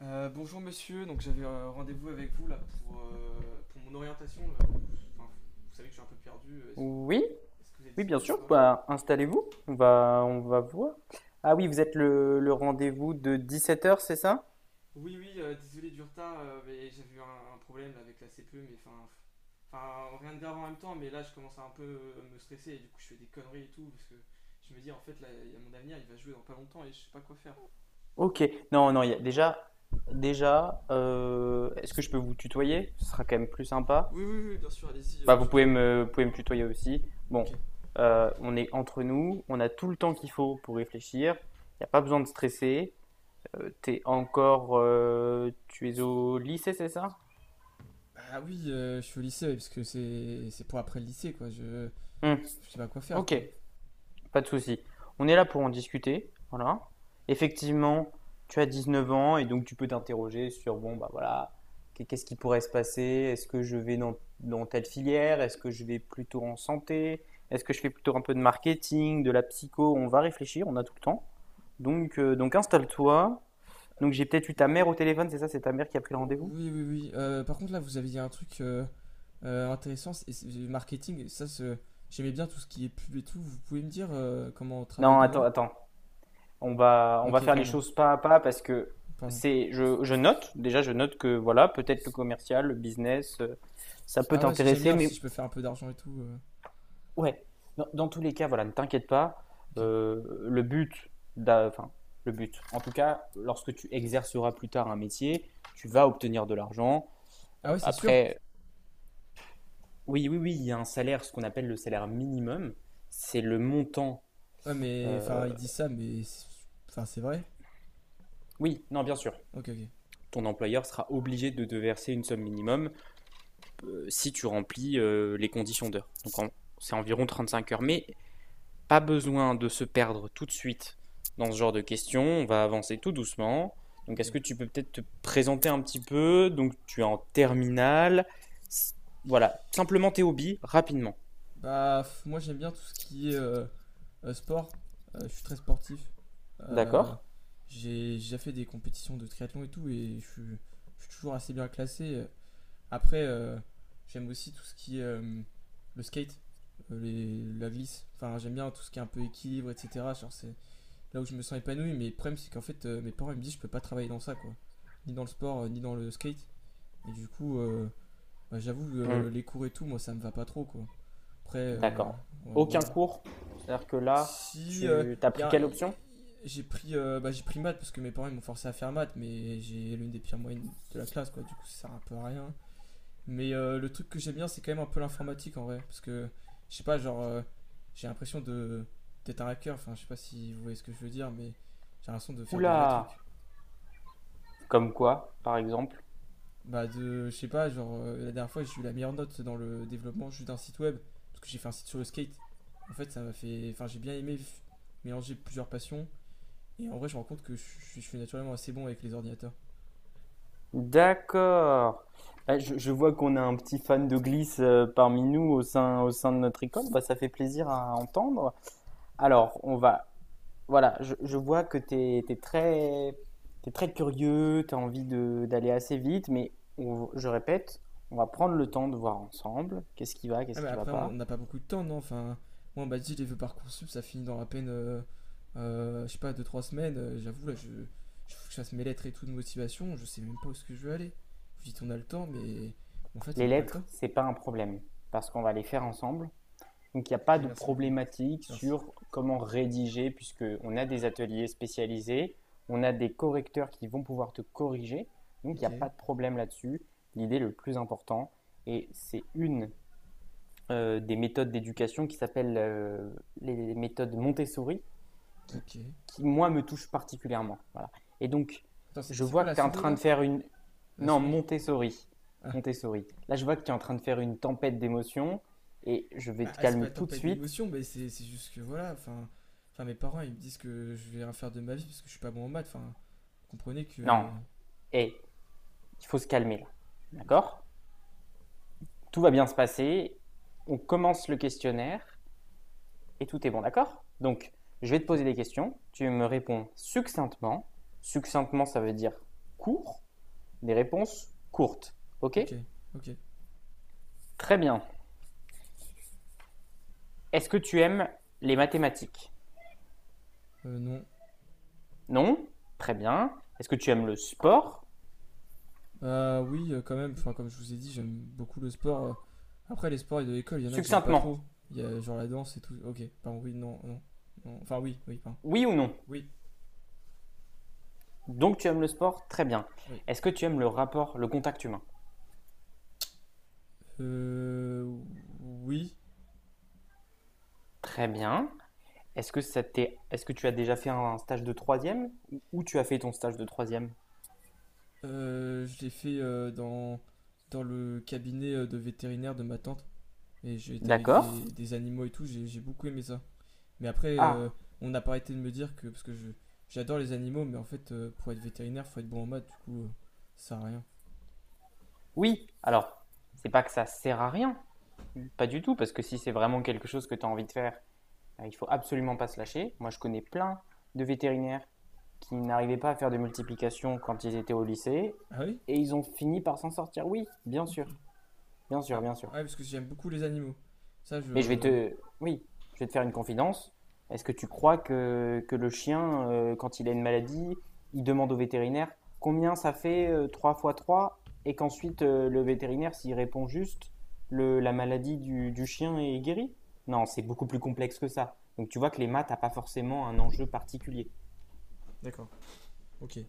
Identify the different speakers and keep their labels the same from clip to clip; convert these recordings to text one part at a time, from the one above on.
Speaker 1: Bonjour monsieur, donc j'avais rendez-vous avec vous là pour mon orientation. Là. Enfin, vous savez que je suis un peu perdu,
Speaker 2: Oui,
Speaker 1: est-ce que vous êtes
Speaker 2: oui, bien
Speaker 1: disponible ou
Speaker 2: sûr.
Speaker 1: pas?
Speaker 2: Bah, installez-vous. On va voir. Ah oui, vous êtes le rendez-vous de 17 heures, c'est ça?
Speaker 1: Oui oui, désolé du retard, mais j'avais eu un problème là, avec la CPE, mais enfin. Enfin, rien de grave en même temps, mais là je commence à un peu me stresser et du coup je fais des conneries et tout, parce que je me dis en fait là, il y a mon avenir, il va jouer dans pas longtemps et je sais pas quoi faire.
Speaker 2: Ok. Non, non, il y a déjà, déjà, est-ce que je peux vous tutoyer? Ce sera quand même plus sympa.
Speaker 1: Oui oui oui, bien sûr, allez-y,
Speaker 2: Bah,
Speaker 1: tu te moi.
Speaker 2: vous pouvez me tutoyer aussi. Bon,
Speaker 1: Ok.
Speaker 2: on est entre nous. On a tout le temps qu'il faut pour réfléchir. Il n'y a pas besoin de stresser. Tu es au lycée, c'est ça?
Speaker 1: Bah oui, je suis au lycée, parce que c'est pour après le lycée, quoi.
Speaker 2: Hmm,
Speaker 1: Je sais pas quoi faire,
Speaker 2: ok.
Speaker 1: quoi.
Speaker 2: Pas de souci. On est là pour en discuter. Voilà. Effectivement, tu as 19 ans et donc tu peux t'interroger sur, bon, bah voilà, qu'est-ce qui pourrait se passer? Est-ce que je vais dans telle filière? Est-ce que je vais plutôt en santé? Est-ce que je fais plutôt un peu de marketing, de la psycho? On va réfléchir, on a tout le temps. Donc installe-toi. Donc j'ai peut-être eu ta mère au téléphone, c'est ça? C'est ta mère qui a pris le rendez-vous?
Speaker 1: Oui, oui, oui. Par contre, là, vous avez dit un truc intéressant, c'est le marketing. Ça, j'aimais bien tout ce qui est pub et tout. Vous pouvez me dire comment on travaille
Speaker 2: Non, attends,
Speaker 1: dedans?
Speaker 2: attends. On va
Speaker 1: Ok,
Speaker 2: faire les
Speaker 1: pardon,
Speaker 2: choses pas à pas parce que
Speaker 1: pardon.
Speaker 2: je note, déjà, je note que voilà, peut-être le commercial, le business, ça peut
Speaker 1: Ah ouais, j'aime
Speaker 2: t'intéresser,
Speaker 1: bien si je
Speaker 2: mais
Speaker 1: peux faire un peu d'argent et tout. euh,
Speaker 2: ouais, dans tous les cas, voilà, ne t'inquiète pas.
Speaker 1: ok.
Speaker 2: Le but, d'a- enfin, le but, en tout cas, lorsque tu exerceras plus tard un métier, tu vas obtenir de l'argent.
Speaker 1: Ah ouais, c'est sûr.
Speaker 2: Après, oui, oui, oui, il y a un salaire, ce qu'on appelle le salaire minimum. C'est le montant.
Speaker 1: Ouais, mais
Speaker 2: euh,
Speaker 1: enfin, ils disent ça, mais enfin, c'est vrai.
Speaker 2: Oui, non, bien sûr.
Speaker 1: Ok, ok,
Speaker 2: Ton employeur sera obligé de te verser une somme minimum si tu remplis les conditions d'heure. C'est environ 35 heures. Mais pas besoin de se perdre tout de suite dans ce genre de questions. On va avancer tout doucement. Donc
Speaker 1: ok.
Speaker 2: est-ce que tu peux peut-être te présenter un petit peu? Donc tu es en terminale. Voilà, simplement tes hobbies, rapidement.
Speaker 1: Bah, pff, moi, j'aime bien tout ce qui est sport. Je suis très sportif. Euh,
Speaker 2: D'accord?
Speaker 1: j'ai déjà fait des compétitions de triathlon et tout, et je suis toujours assez bien classé. Après, j'aime aussi tout ce qui est le skate, la glisse. Enfin, j'aime bien tout ce qui est un peu équilibre, etc. Genre, c'est là où je me sens épanoui. Mais le problème, c'est qu'en fait, mes parents ils me disent je peux pas travailler dans ça, quoi. Ni dans le sport, ni dans le skate. Et du coup, bah, j'avoue,
Speaker 2: Hmm,
Speaker 1: les cours et tout, moi, ça me va pas trop, quoi. Après,
Speaker 2: d'accord.
Speaker 1: ouais,
Speaker 2: Aucun
Speaker 1: voilà.
Speaker 2: cours? C'est-à-dire que là,
Speaker 1: Si.
Speaker 2: tu as
Speaker 1: Y
Speaker 2: pris
Speaker 1: a, y-
Speaker 2: quelle option?
Speaker 1: j'ai pris, bah, j'ai pris maths parce que mes parents ils m'ont forcé à faire maths, mais j'ai l'une des pires moyennes de la classe, quoi. Du coup, ça sert un peu à rien. Mais le truc que j'aime bien, c'est quand même un peu l'informatique en vrai. Parce que, je sais pas, genre, j'ai l'impression de d'être un hacker. Enfin, je sais pas si vous voyez ce que je veux dire, mais j'ai l'impression de faire des vrais
Speaker 2: Oula!
Speaker 1: trucs.
Speaker 2: Comme quoi, par exemple?
Speaker 1: Bah, je sais pas, genre, la dernière fois, j'ai eu la meilleure note dans le développement juste d'un site web. Parce que j'ai fait un site sur le skate. En fait, ça m'a fait. Enfin, j'ai bien aimé mélanger plusieurs passions. Et en vrai, je me rends compte que je suis naturellement assez bon avec les ordinateurs.
Speaker 2: D'accord. Ah, je vois qu'on a un petit fan de glisse parmi nous au sein de notre école. Bah, ça fait plaisir à entendre. Alors, on va. Voilà, je vois que t'es très curieux, tu as d'aller assez vite, mais je répète, on va prendre le temps de voir ensemble
Speaker 1: Ah,
Speaker 2: qu'est-ce
Speaker 1: mais
Speaker 2: qui va
Speaker 1: après, on
Speaker 2: pas.
Speaker 1: n'a pas beaucoup de temps, non? Enfin, moi, on m'a dit, les vœux Parcoursup, ça finit dans à peine, je sais pas, deux trois semaines. J'avoue, là, je faut que je fasse mes lettres et tout de motivation. Je sais même pas où est-ce que je veux aller. Vous dites, on a le temps, mais en fait, on
Speaker 2: Les
Speaker 1: n'a pas le
Speaker 2: lettres,
Speaker 1: temps.
Speaker 2: c'est pas un problème, parce qu'on va les faire ensemble. Donc il n'y a
Speaker 1: Ok,
Speaker 2: pas de
Speaker 1: merci beaucoup.
Speaker 2: problématique
Speaker 1: Merci.
Speaker 2: sur comment rédiger, puisqu'on a des ateliers spécialisés, on a des correcteurs qui vont pouvoir te corriger. Donc il n'y
Speaker 1: Ok,
Speaker 2: a pas de problème là-dessus. L'idée le plus important, et c'est une des méthodes d'éducation qui s'appelle les méthodes Montessori, qui,
Speaker 1: ok.
Speaker 2: qui, moi me touche particulièrement. Voilà. Et donc
Speaker 1: Attends, c'est
Speaker 2: je
Speaker 1: c'est
Speaker 2: vois
Speaker 1: quoi la
Speaker 2: que tu es en
Speaker 1: souris,
Speaker 2: train
Speaker 1: là?
Speaker 2: de faire une...
Speaker 1: La
Speaker 2: Non,
Speaker 1: souris.
Speaker 2: Montessori.
Speaker 1: Ah,
Speaker 2: Montessori. Là je vois que tu es en train de faire une tempête d'émotions, et je vais
Speaker 1: bah,
Speaker 2: te
Speaker 1: ah, c'est pas
Speaker 2: calmer tout de
Speaker 1: tempête
Speaker 2: suite.
Speaker 1: d'émotion, mais c'est juste que, voilà, enfin. Enfin, mes parents, ils me disent que je vais rien faire de ma vie parce que je suis pas bon en maths. Enfin, comprenez
Speaker 2: Non,
Speaker 1: que.
Speaker 2: hé, il faut se calmer là.
Speaker 1: Ok,
Speaker 2: D'accord? Tout va bien se passer. On commence le questionnaire et tout est bon, d'accord? Donc, je vais te
Speaker 1: ok,
Speaker 2: poser des questions. Tu me réponds succinctement. Succinctement, ça veut dire court. Des réponses courtes. Ok?
Speaker 1: ok, ok.
Speaker 2: Très bien. Est-ce que tu aimes les mathématiques?
Speaker 1: Non,
Speaker 2: Non? Très bien. Est-ce que tu aimes le sport?
Speaker 1: Oui, quand même. Enfin, comme je vous ai dit, j'aime beaucoup le sport. Après, les sports de l'école, il y en a que j'aime pas
Speaker 2: Succinctement.
Speaker 1: trop. Il y a genre la danse et tout. Ok, pardon, oui, non, non. Non. Enfin, oui, oui, pardon.
Speaker 2: Oui ou non?
Speaker 1: Oui,
Speaker 2: Donc, tu aimes le sport? Très bien.
Speaker 1: oui.
Speaker 2: Est-ce que tu aimes le rapport, le contact humain?
Speaker 1: Euh, oui,
Speaker 2: Très bien. Est-ce que tu as déjà fait un stage de troisième tu as fait ton stage de troisième?
Speaker 1: je l'ai fait dans le cabinet de vétérinaire de ma tante. Et j'ai été avec
Speaker 2: D'accord.
Speaker 1: des animaux et tout, j'ai beaucoup aimé ça. Mais après,
Speaker 2: Ah,
Speaker 1: on n'a pas arrêté de me dire que, parce que je j'adore les animaux, mais en fait, pour être vétérinaire, faut être bon en maths, du coup, ça sert à rien.
Speaker 2: oui. Alors, c'est pas que ça sert à rien, pas du tout, parce que si c'est vraiment quelque chose que tu as envie de faire, il faut absolument pas se lâcher. Moi, je connais plein de vétérinaires qui n'arrivaient pas à faire de multiplication quand ils étaient au lycée
Speaker 1: Ah oui.
Speaker 2: et ils ont fini par s'en sortir. Oui, bien
Speaker 1: Ok.
Speaker 2: sûr, bien
Speaker 1: Ah
Speaker 2: sûr, bien sûr.
Speaker 1: ouais, parce que j'aime beaucoup les animaux. Ça,
Speaker 2: Mais je vais
Speaker 1: je.
Speaker 2: te, oui, je vais te faire une confidence. Est-ce que tu crois que le chien, quand il a une maladie, il demande au vétérinaire combien ça fait 3 fois 3 et qu'ensuite le vétérinaire, s'il répond juste, la maladie du chien est guérie? Non, c'est beaucoup plus complexe que ça. Donc tu vois que les maths n'ont pas forcément un enjeu particulier.
Speaker 1: D'accord, ok.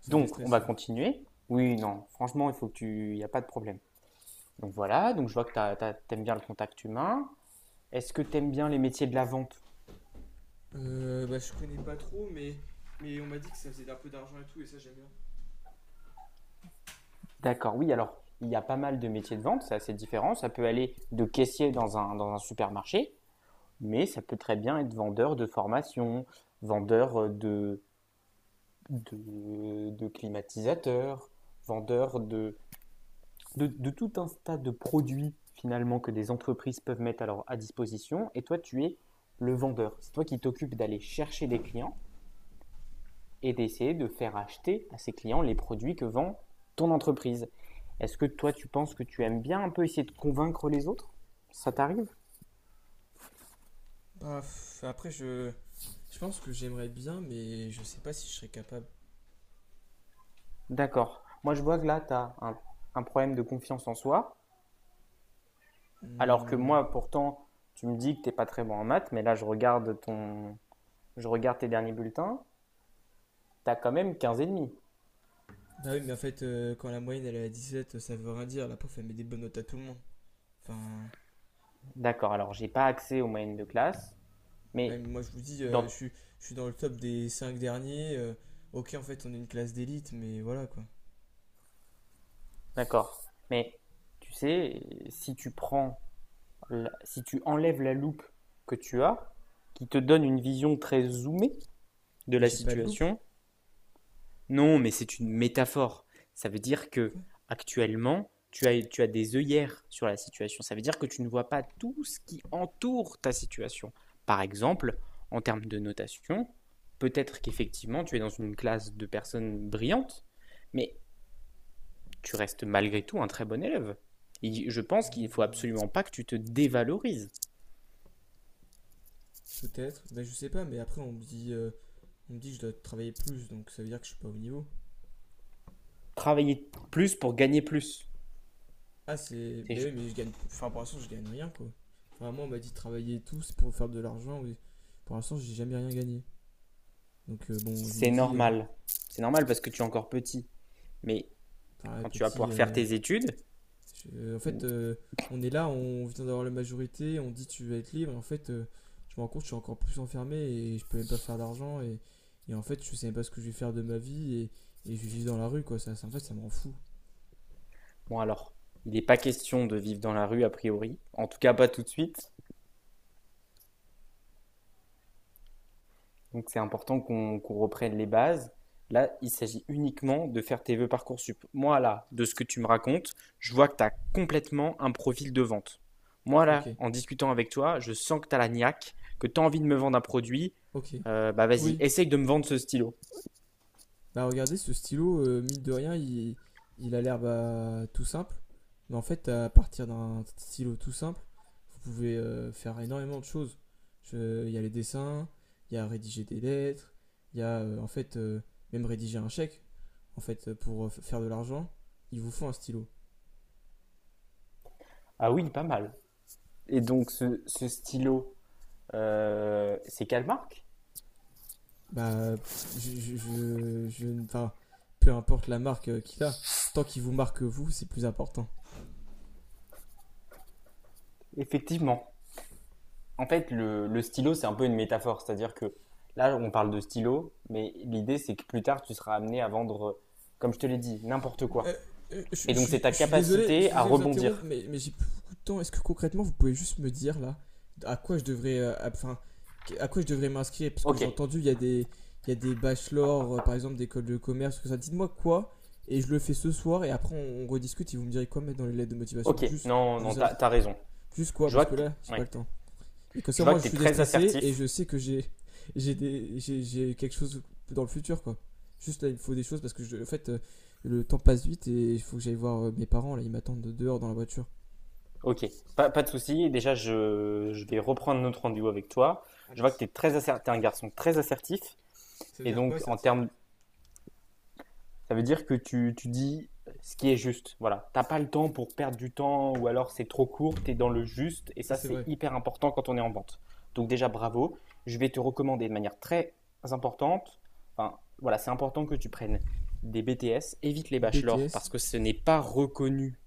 Speaker 1: Ça me
Speaker 2: Donc on
Speaker 1: déstresse.
Speaker 2: va continuer. Oui, non, franchement, il faut que tu... Il n'y a pas de problème. Donc voilà, donc je vois que tu aimes bien le contact humain. Est-ce que tu aimes bien les métiers de la vente?
Speaker 1: Bah, je connais pas trop, mais. Mais on m'a dit que ça faisait un peu d'argent et tout, et ça, j'aime bien.
Speaker 2: D'accord, oui, alors il y a pas mal de métiers de vente, c'est assez différent. Ça peut aller de caissier dans un supermarché, mais ça peut très bien être vendeur de formation, vendeur de climatiseur, vendeur de tout un tas de produits finalement que des entreprises peuvent mettre à leur à disposition. Et toi, tu es le vendeur. C'est toi qui t'occupes d'aller chercher des clients et d'essayer de faire acheter à ces clients les produits que vend ton entreprise. Est-ce que toi, tu penses que tu aimes bien un peu essayer de convaincre les autres? Ça t'arrive?
Speaker 1: Bah, pff, après, je. Je pense que j'aimerais bien, mais je sais pas si je serais capable.
Speaker 2: D'accord. Moi, je vois que là, un problème de confiance en soi, alors que
Speaker 1: Hmm.
Speaker 2: moi, pourtant, tu me dis que t'es pas très bon en maths, mais là, je regarde tes derniers bulletins, tu as quand même 15,5.
Speaker 1: Bah oui, mais en fait, quand la moyenne elle est à 17, ça veut rien dire. La prof elle met des bonnes notes à tout le monde. Enfin,
Speaker 2: D'accord. Alors, j'ai pas accès aux moyennes de classe,
Speaker 1: bah, oui,
Speaker 2: mais
Speaker 1: mais moi je vous dis,
Speaker 2: dans,
Speaker 1: je suis dans le top des 5 derniers. Ok, en fait, on est une classe d'élite, mais voilà quoi.
Speaker 2: d'accord. Mais tu sais, si tu prends, si tu enlèves la loupe que tu as, qui te donne une vision très zoomée de
Speaker 1: Et
Speaker 2: la
Speaker 1: j'ai pas de loupe,
Speaker 2: situation, Non, mais c'est une métaphore. Ça veut dire que
Speaker 1: quoi.
Speaker 2: actuellement, tu as des œillères sur la situation. Ça veut dire que tu ne vois pas tout ce qui entoure ta situation. Par exemple, en termes de notation, peut-être qu'effectivement, tu es dans une classe de personnes brillantes, mais tu restes malgré tout un très bon élève. Et je pense qu'il ne faut
Speaker 1: Hmm.
Speaker 2: absolument pas que tu te dévalorises.
Speaker 1: Peut-être, ben je sais pas, mais après on me dit que je dois travailler plus, donc ça veut dire que je suis pas au niveau.
Speaker 2: Travailler plus pour gagner plus,
Speaker 1: Mais oui,
Speaker 2: c'est
Speaker 1: mais je gagne, enfin pour l'instant je gagne rien quoi. Enfin moi on m'a dit de travailler et tout, c'est pour faire de l'argent, oui. Pour l'instant j'ai jamais rien gagné. Donc bon, je me dis,
Speaker 2: normal. C'est normal parce que tu es encore petit. Mais
Speaker 1: enfin ouais,
Speaker 2: quand tu vas
Speaker 1: petit,
Speaker 2: pouvoir faire tes études,
Speaker 1: je- en fait on est là, on vient d'avoir la majorité, on dit tu vas être libre, et en fait je me rends compte que je suis encore plus enfermé et je peux même pas faire d'argent, et en fait je sais même pas ce que je vais faire de ma vie, et je vais vivre dans la rue quoi. Ça en fait ça me rend fou.
Speaker 2: bon alors, il n'est pas question de vivre dans la rue a priori, en tout cas pas tout de suite, donc c'est important qu'on reprenne les bases. Là, il s'agit uniquement de faire tes vœux Parcoursup. Moi là, de ce que tu me racontes, je vois que tu as complètement un profil de vente. Moi
Speaker 1: Ok.
Speaker 2: là, en discutant avec toi, je sens que tu as la niaque, que tu as envie de me vendre un produit.
Speaker 1: Ok.
Speaker 2: Bah vas-y,
Speaker 1: Oui.
Speaker 2: essaye de me vendre ce stylo.
Speaker 1: Bah regardez, ce stylo, mine de rien, il a l'air bah, tout simple. Mais en fait, à partir d'un stylo tout simple, vous pouvez faire énormément de choses. Il y a les dessins, il y a rédiger des lettres, il y a en fait même rédiger un chèque. En fait, pour faire de l'argent, il vous faut un stylo.
Speaker 2: Ah oui, pas mal. Et donc ce stylo, c'est quelle marque?
Speaker 1: Bah, enfin, peu importe la marque qu'il a, tant qu'il vous marque vous, c'est plus important.
Speaker 2: Effectivement. En fait, le stylo, c'est un peu une métaphore. C'est-à-dire que là, on parle de stylo, mais l'idée, c'est que plus tard, tu seras amené à vendre, comme je te l'ai dit, n'importe
Speaker 1: Euh,
Speaker 2: quoi. Et donc, c'est ta
Speaker 1: je suis désolé, je
Speaker 2: capacité
Speaker 1: suis
Speaker 2: à
Speaker 1: désolé de vous interrompre,
Speaker 2: rebondir.
Speaker 1: mais j'ai plus beaucoup de temps. Est-ce que concrètement, vous pouvez juste me dire là à quoi je devrais, enfin, à quoi je devrais m'inscrire? Parce que
Speaker 2: Ok,
Speaker 1: j'ai entendu, il y a il y a des bachelors, par exemple, d'école de commerce, tout ça. Dites-moi quoi, et je le fais ce soir, et après on rediscute. Et vous me direz quoi mettre dans les lettres de motivation.
Speaker 2: ok,
Speaker 1: Juste,
Speaker 2: non,
Speaker 1: je veux
Speaker 2: non,
Speaker 1: savoir
Speaker 2: t'as raison.
Speaker 1: juste quoi,
Speaker 2: Je
Speaker 1: parce
Speaker 2: vois
Speaker 1: que
Speaker 2: que t'es,
Speaker 1: là, j'ai pas
Speaker 2: ouais.
Speaker 1: le temps. Et comme
Speaker 2: Je
Speaker 1: ça,
Speaker 2: vois
Speaker 1: moi,
Speaker 2: que
Speaker 1: je
Speaker 2: t'es
Speaker 1: suis
Speaker 2: très
Speaker 1: déstressé et je
Speaker 2: assertif.
Speaker 1: sais que j'ai quelque chose dans le futur, quoi. Juste là, il me faut des choses parce que, en fait, le temps passe vite et il faut que j'aille voir mes parents. Là, ils m'attendent dehors dans la voiture.
Speaker 2: Ok, pas, pas de souci. Déjà, je vais reprendre notre rendez-vous avec toi.
Speaker 1: Ah
Speaker 2: Je vois que
Speaker 1: merci.
Speaker 2: t'es très assertif, t'es un garçon très assertif.
Speaker 1: Ça veut
Speaker 2: Et
Speaker 1: dire quoi,
Speaker 2: donc, en
Speaker 1: certif?
Speaker 2: termes. Ça veut dire que tu dis ce qui est juste. Voilà. T'as pas le temps pour perdre du temps ou alors c'est trop court, t'es dans le juste et
Speaker 1: Ça
Speaker 2: ça
Speaker 1: c'est
Speaker 2: c'est
Speaker 1: vrai.
Speaker 2: hyper important quand on est en vente. Donc déjà bravo, je vais te recommander de manière très importante, enfin voilà, c'est important que tu prennes des BTS, évite les bachelors
Speaker 1: BTS.
Speaker 2: parce que ce n'est pas reconnu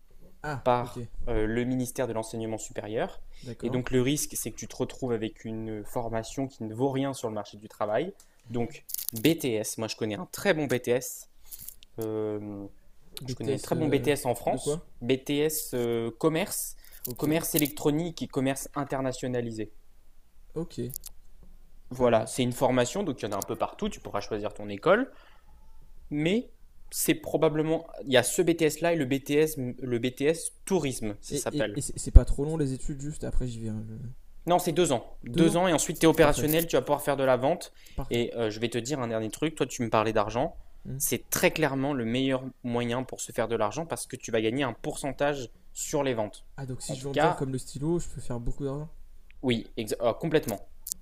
Speaker 1: Ah, ok,
Speaker 2: par le ministère de l'enseignement supérieur et
Speaker 1: d'accord.
Speaker 2: donc le risque c'est que tu te retrouves avec une formation qui ne vaut rien sur le marché du travail. Donc BTS, moi je connais un très bon BTS euh, je connais un
Speaker 1: BTS
Speaker 2: très bon BTS en
Speaker 1: de
Speaker 2: France,
Speaker 1: quoi?
Speaker 2: BTS commerce,
Speaker 1: Ok,
Speaker 2: commerce électronique et commerce internationalisé.
Speaker 1: ok, pas
Speaker 2: Voilà,
Speaker 1: mal.
Speaker 2: c'est une formation, donc il y en a un peu partout, tu pourras choisir ton école, mais c'est probablement, il y a ce BTS-là et le BTS tourisme, ça
Speaker 1: Et, et,
Speaker 2: s'appelle.
Speaker 1: et c'est pas trop long les études, juste après j'y vais, hein,
Speaker 2: Non, c'est 2 ans.
Speaker 1: Deux
Speaker 2: Deux
Speaker 1: ans
Speaker 2: ans et ensuite tu es
Speaker 1: Parfait,
Speaker 2: opérationnel, tu vas pouvoir faire de la vente.
Speaker 1: parfait.
Speaker 2: Et je vais te dire un dernier truc, toi tu me parlais d'argent.
Speaker 1: Hmm.
Speaker 2: C'est très clairement le meilleur moyen pour se faire de l'argent parce que tu vas gagner un pourcentage sur les ventes.
Speaker 1: Ah, donc si
Speaker 2: En
Speaker 1: je
Speaker 2: tout
Speaker 1: vends bien
Speaker 2: cas,
Speaker 1: comme le stylo, je peux faire beaucoup d'argent?
Speaker 2: complètement.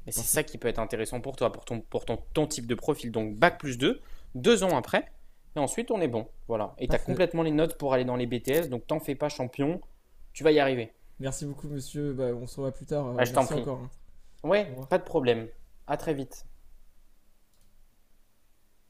Speaker 2: Et c'est
Speaker 1: Parfait,
Speaker 2: ça qui peut être intéressant pour toi, ton type de profil. Donc bac +2, 2 ans après, et ensuite on est bon. Voilà. Et tu as
Speaker 1: parfait.
Speaker 2: complètement les notes pour aller dans les BTS, donc t'en fais pas champion, tu vas y arriver.
Speaker 1: Merci beaucoup, monsieur. Bah, on se revoit plus tard.
Speaker 2: Ah, je t'en
Speaker 1: Merci
Speaker 2: prie.
Speaker 1: encore, hein. Au
Speaker 2: Ouais,
Speaker 1: revoir.
Speaker 2: pas de problème. À très vite.